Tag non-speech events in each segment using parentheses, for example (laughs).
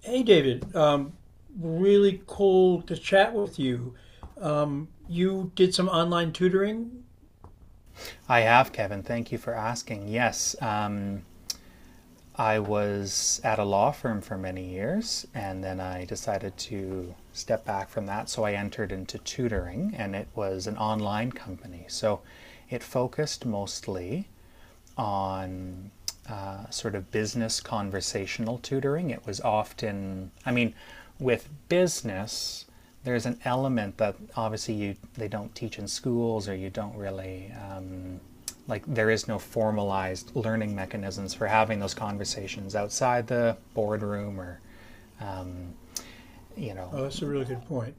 Hey, David. Really cool to chat with you. You did some online tutoring. I have, Kevin. Thank you for asking. Yes, I was at a law firm for many years, and then I decided to step back from that. So I entered into tutoring, and it was an online company. So it focused mostly on sort of business conversational tutoring. It was often, I mean, with business, there's an element that obviously you they don't teach in schools, or you don't really like there is no formalized learning mechanisms for having those conversations outside the boardroom or you know Oh, that's a really good point.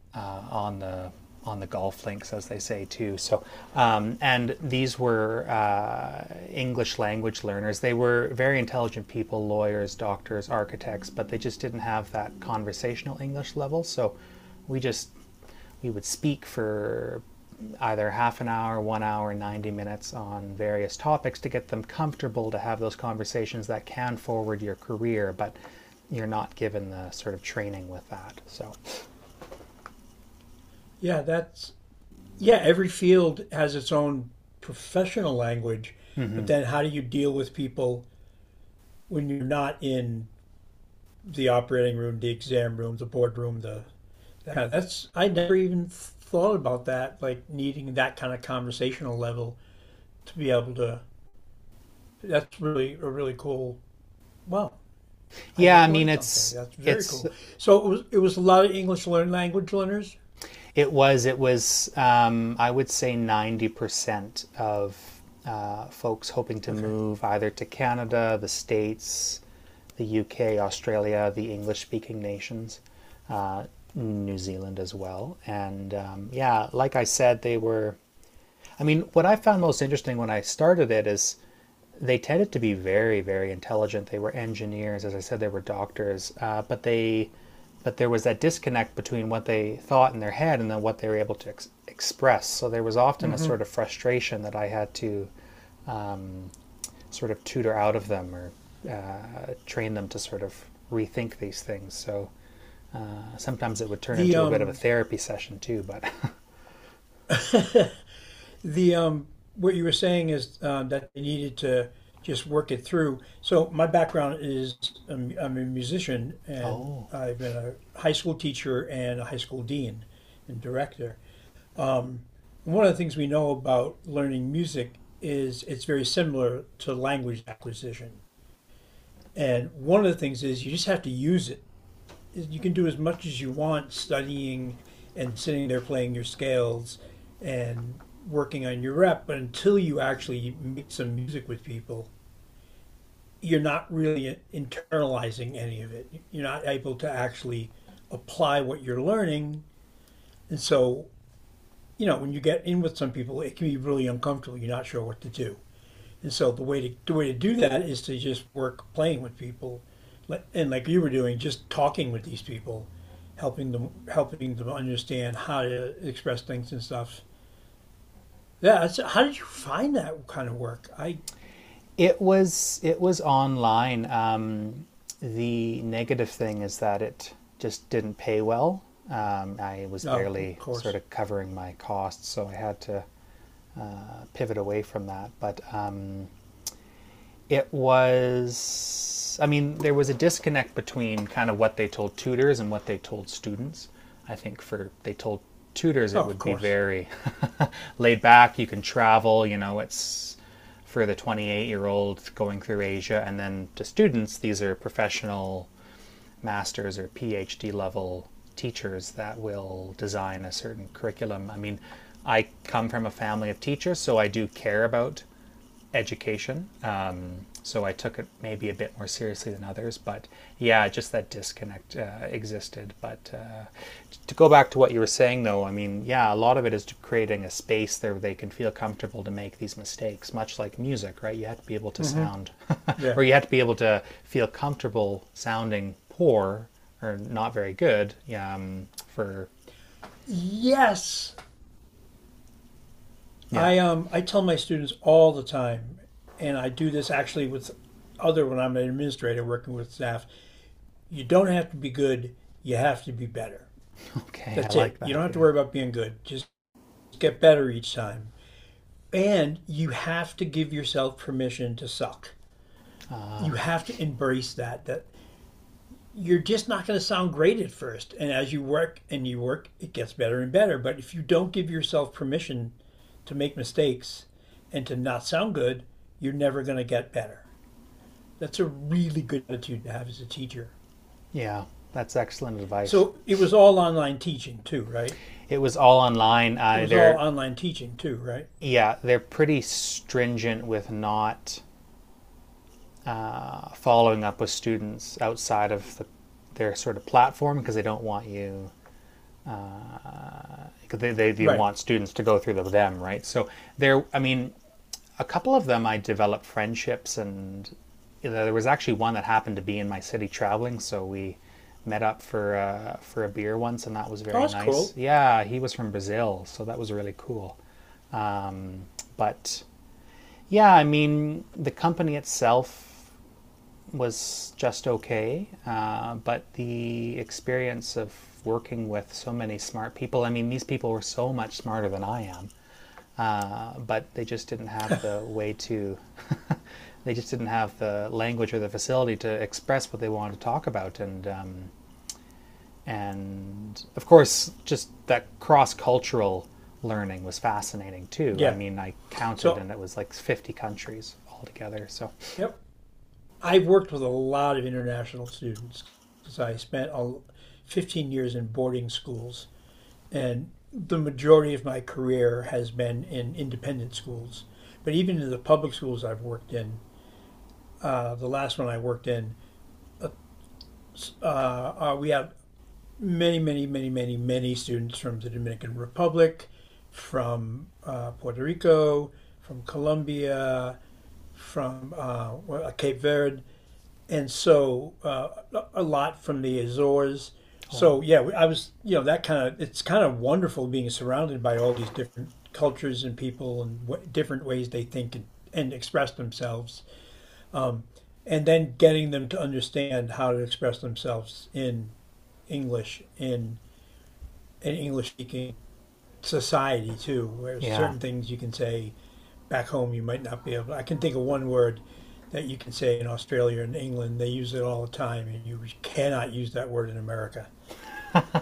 on the golf links, as they say too. So, and these were English language learners. They were very intelligent people, lawyers, doctors, architects, but they just didn't have that conversational English level. So, we just we would speak for either half an hour, 1 hour, 90 minutes on various topics to get them comfortable to have those conversations that can forward your career, but you're not given the sort of training with that. So, Yeah, that's yeah. Every field has its own professional language, but mm-hmm. then how do you deal with people when you're not in the operating room, the exam room, the boardroom, the that kind of, that's I never even thought about that. Like needing that kind of conversational level to be able to. That's really a really cool. Wow, I Yeah, I just mean learned something. That's very it's cool. So it was a lot of English learn language learners. it was I would say 90% of folks hoping to Okay. move either to Canada, the States, the UK, Australia, the English-speaking nations, uh, New Zealand as well. And yeah, like I said, they were. I mean, what I found most interesting when I started it is they tended to be very very intelligent. They were engineers, as I said. They were doctors, but they but there was that disconnect between what they thought in their head and then what they were able to express. So there was often a Hmm. sort of frustration that I had to um, sort of tutor out of them, or train them to sort of rethink these things. So sometimes it would turn The into a bit of a um therapy session too, but (laughs) the what you were saying is that they needed to just work it through. So my background is I'm a musician and oh, I've been a high school teacher and a high school dean and director. And one of the things we know about learning music is it's very similar to language acquisition. And one of the things is you just have to use it, you can do as much as you want studying and sitting there playing your scales and working on your rep, but until you actually make some music with people, you're not really internalizing any of it. You're not able to actually apply what you're learning. And so, you know, when you get in with some people, it can be really uncomfortable. You're not sure what to do. And so the way to do that is to just work playing with people, and like you were doing, just talking with these people, helping them understand how to express things and stuff. Yeah. That's, how did you find that kind of work? I it was online. The negative thing is that it just didn't pay well. I was no, oh, of barely sort course. of covering my costs, so I had to pivot away from that. But it was, I mean, there was a disconnect between kind of what they told tutors and what they told students. I think for they told tutors Oh, it of would be course. very (laughs) laid back. You can travel, it's for the 28-year-old going through Asia. And then to students, these are professional masters or PhD level teachers that will design a certain curriculum. I mean, I come from a family of teachers, so I do care about education. So I took it maybe a bit more seriously than others. But yeah, just that disconnect existed. But to go back to what you were saying, though, I mean, yeah, a lot of it is creating a space there where they can feel comfortable to make these mistakes, much like music, right? You have to be able to Mm-hmm. sound, (laughs) Yeah. or you have to be able to feel comfortable sounding poor or not very good, yeah, for, Yes, yeah. (laughs) I I tell my students all the time, and I do this actually with other when I'm an administrator working with staff. You don't have to be good. You have to be better. Okay, I That's like it. You don't that. have to Yeah. worry about being good. Just get better each time. And you have to give yourself permission to suck. Uh, You have to embrace that you're just not going to sound great at first. And as you work and you work, it gets better and better. But if you don't give yourself permission to make mistakes and to not sound good, you're never going to get better. That's a really good attitude to have as a teacher. yeah, that's excellent advice. So it was all online teaching too, right? It was all online. It was all They're online teaching too, right? Yeah, they're pretty stringent with not following up with students outside of their sort of platform, because they don't want you. Cause they Right. want students to go through the, them, right? So I mean, a couple of them I developed friendships, and you know, there was actually one that happened to be in my city traveling, so we met up for a beer once, and that was Oh, very that's nice. cool. Yeah, he was from Brazil, so that was really cool. Um, but Yeah, I mean, the company itself was just okay, but the experience of working with so many smart people. I mean, these people were so much smarter than I am, but they just didn't have the way to, (laughs) they just didn't have the language or the facility to express what they wanted to talk about. And of course, just that cross cultural learning was fascinating too. I Yeah. mean, I counted, So, and it was like 50 countries altogether. So yep. I've worked with a lot of international students because I spent 15 years in boarding schools, and the majority of my career has been in independent schools. But even in the public schools I've worked in, the last one I worked in, we had many, many, many, many, many students from the Dominican Republic, from Puerto Rico, from Colombia, from Cape Verde, and so lot from the Azores. So oh, yeah, I was, you know, that kind of, it's kind of wonderful being surrounded by all these different cultures and people and different ways they think and express themselves, and then getting them to understand how to express themselves in English in an English speaking society too, where yeah. certain things you can say back home you might not be able to. I can think of one word that you can say in Australia and England. They use it all the time, and you cannot use that word in America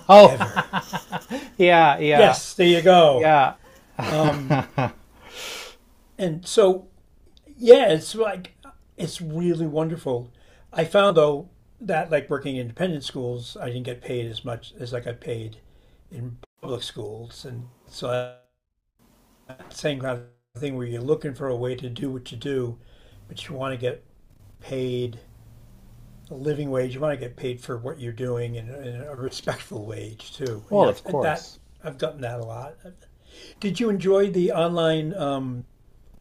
Oh, ever. (laughs) yeah, yeah, Yes, there you go. yeah. Um, (laughs) and so yeah, it's like it's really wonderful. I found though that like working in independent schools, I didn't get paid as much as I got paid in public schools, and so that same kind of thing where you're looking for a way to do what you do, but you want to get paid a living wage. You want to get paid for what you're doing and a respectful wage too. Well, Yeah, of that course. I've gotten that a lot. Did you enjoy the online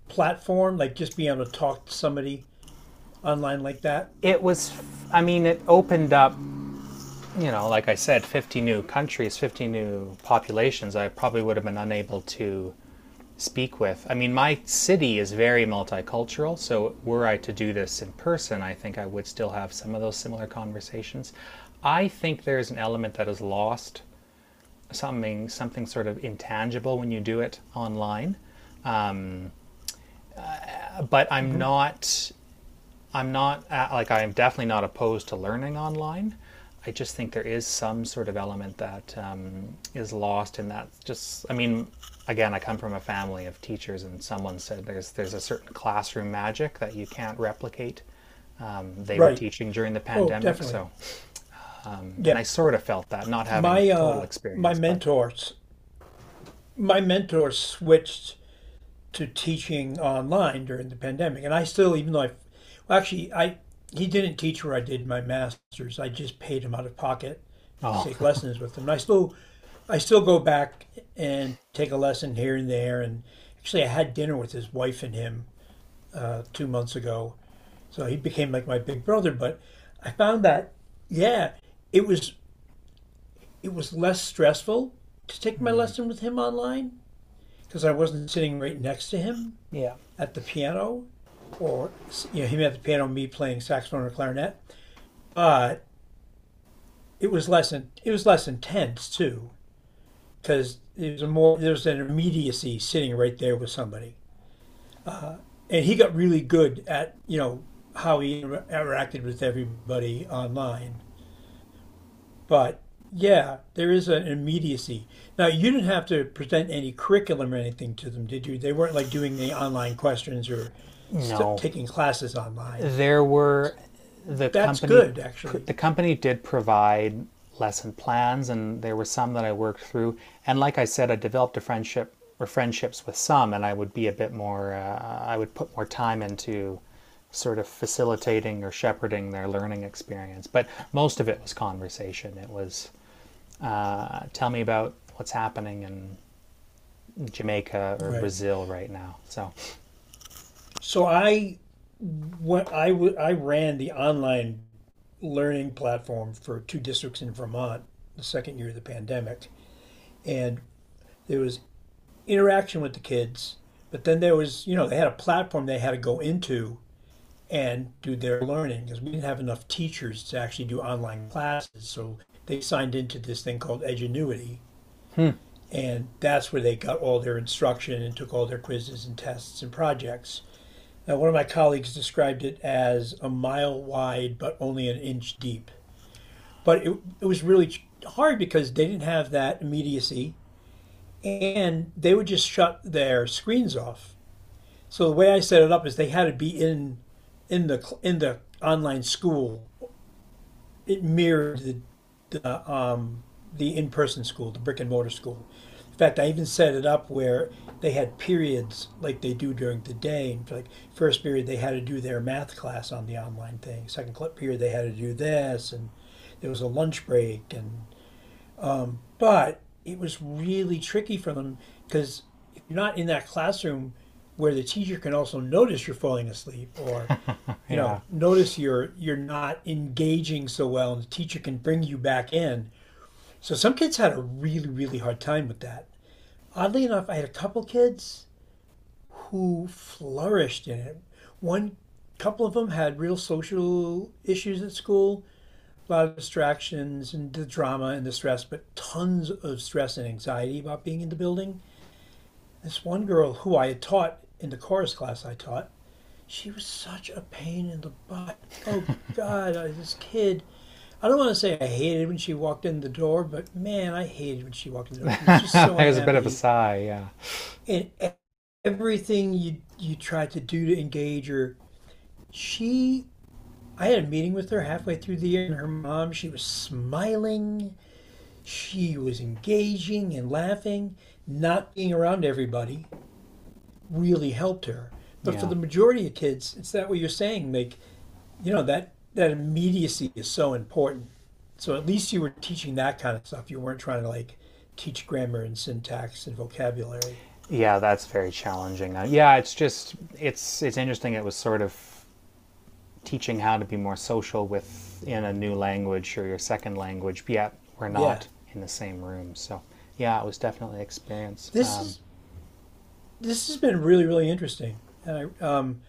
platform, like just being able to talk to somebody online like that? It was, I mean, it opened up, like I said, 50 new countries, 50 new populations I probably would have been unable to speak with. I mean, my city is very multicultural, so were I to do this in person, I think I would still have some of those similar conversations. I think there's an element that is lost, something sort of intangible when you do it online. But Hmm. I'm not like, I am definitely not opposed to learning online. I just think there is some sort of element that is lost in that. Just, I mean, again, I come from a family of teachers, and someone said there's a certain classroom magic that you can't replicate. They were Right. teaching during the Oh, pandemic, definitely. so, and Yeah. I sort of felt that, not having My total uh, my experience, but mentors, my mentor switched to teaching online during the pandemic. And I still, even though I, well, actually, I he didn't teach where I did my master's. I just paid him out of pocket to oh, take lessons with him. And I still go back and take a lesson here and there. And actually, I had dinner with his wife and him 2 months ago. So he became like my big brother. But I found that, yeah, it was it was less stressful to take my lesson with him online because I wasn't sitting right next to him yeah, at the piano, or you know him at the piano, me playing saxophone or clarinet. But it was less intense too because there was an immediacy sitting right there with somebody, and he got really good at, you know, how he interacted with everybody online. But yeah, there is an immediacy. Now you didn't have to present any curriculum or anything to them, did you? They weren't like doing any online questions or no, taking classes online. there were the That's company good actually. the company did provide lesson plans, and there were some that I worked through. And like I said, I developed a friendship or friendships with some, and I would be a bit more I would put more time into sort of facilitating or shepherding their learning experience. But most of it was conversation. It was tell me about what's happening in Jamaica or Right. Brazil right now. So So I, I ran the online learning platform for two districts in Vermont the second year of the pandemic, and there was interaction with the kids, but then there was, you know, they had a platform they had to go into and do their learning because we didn't have enough teachers to actually do online classes, so they signed into this thing called Edgenuity, and that's where they got all their instruction and took all their quizzes and tests and projects. Now, one of my colleagues described it as a mile wide but only an inch deep. But it was really hard because they didn't have that immediacy and they would just shut their screens off. So the way I set it up is they had to be in in the online school. It mirrored uh, um, the in-person school, the brick and mortar school. In fact, I even set it up where they had periods like they do during the day. And like first period, they had to do their math class on the online thing. Second period, they had to do this, and there was a lunch break. And but it was really tricky for them because if you're not in that classroom where the teacher can also notice you're falling asleep or you yeah. know notice you're not engaging so well and the teacher can bring you back in, so some kids had a really, really hard time with that. Oddly enough, I had a couple kids who flourished in it. One Couple of them had real social issues at school, a lot of distractions and the drama and the stress, but tons of stress and anxiety about being in the building. This one girl who I had taught in the chorus class I taught, she was such a pain in the butt. Oh God, this kid. I don't want to say I hated when she walked in the door, but man, I hated when she walked in the door. She was just (laughs) so There's a bit of a unhappy, sigh. Yeah, and e- everything you tried to do to engage her, she. I had a meeting with her halfway through the year, and her mom. She was smiling. She was engaging and laughing. Not being around everybody really helped her. But for yeah. the majority of kids, it's that what you're saying, Mick. You know that that immediacy is so important. So at least you were teaching that kind of stuff. You weren't trying to like teach grammar and syntax and vocabulary. Yeah, that's very challenging. Yeah, it's just it's interesting. It was sort of teaching how to be more social with, in a new language, or your second language. But yet we're Yeah, not in the same room, so yeah, it was definitely an experience. this is this has been really really interesting, and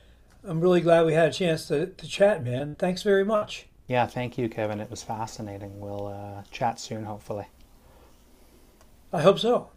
I'm really glad we had a chance to chat, man. Thanks very much. Yeah, thank you, Kevin. It was fascinating. We'll chat soon, hopefully. I hope so.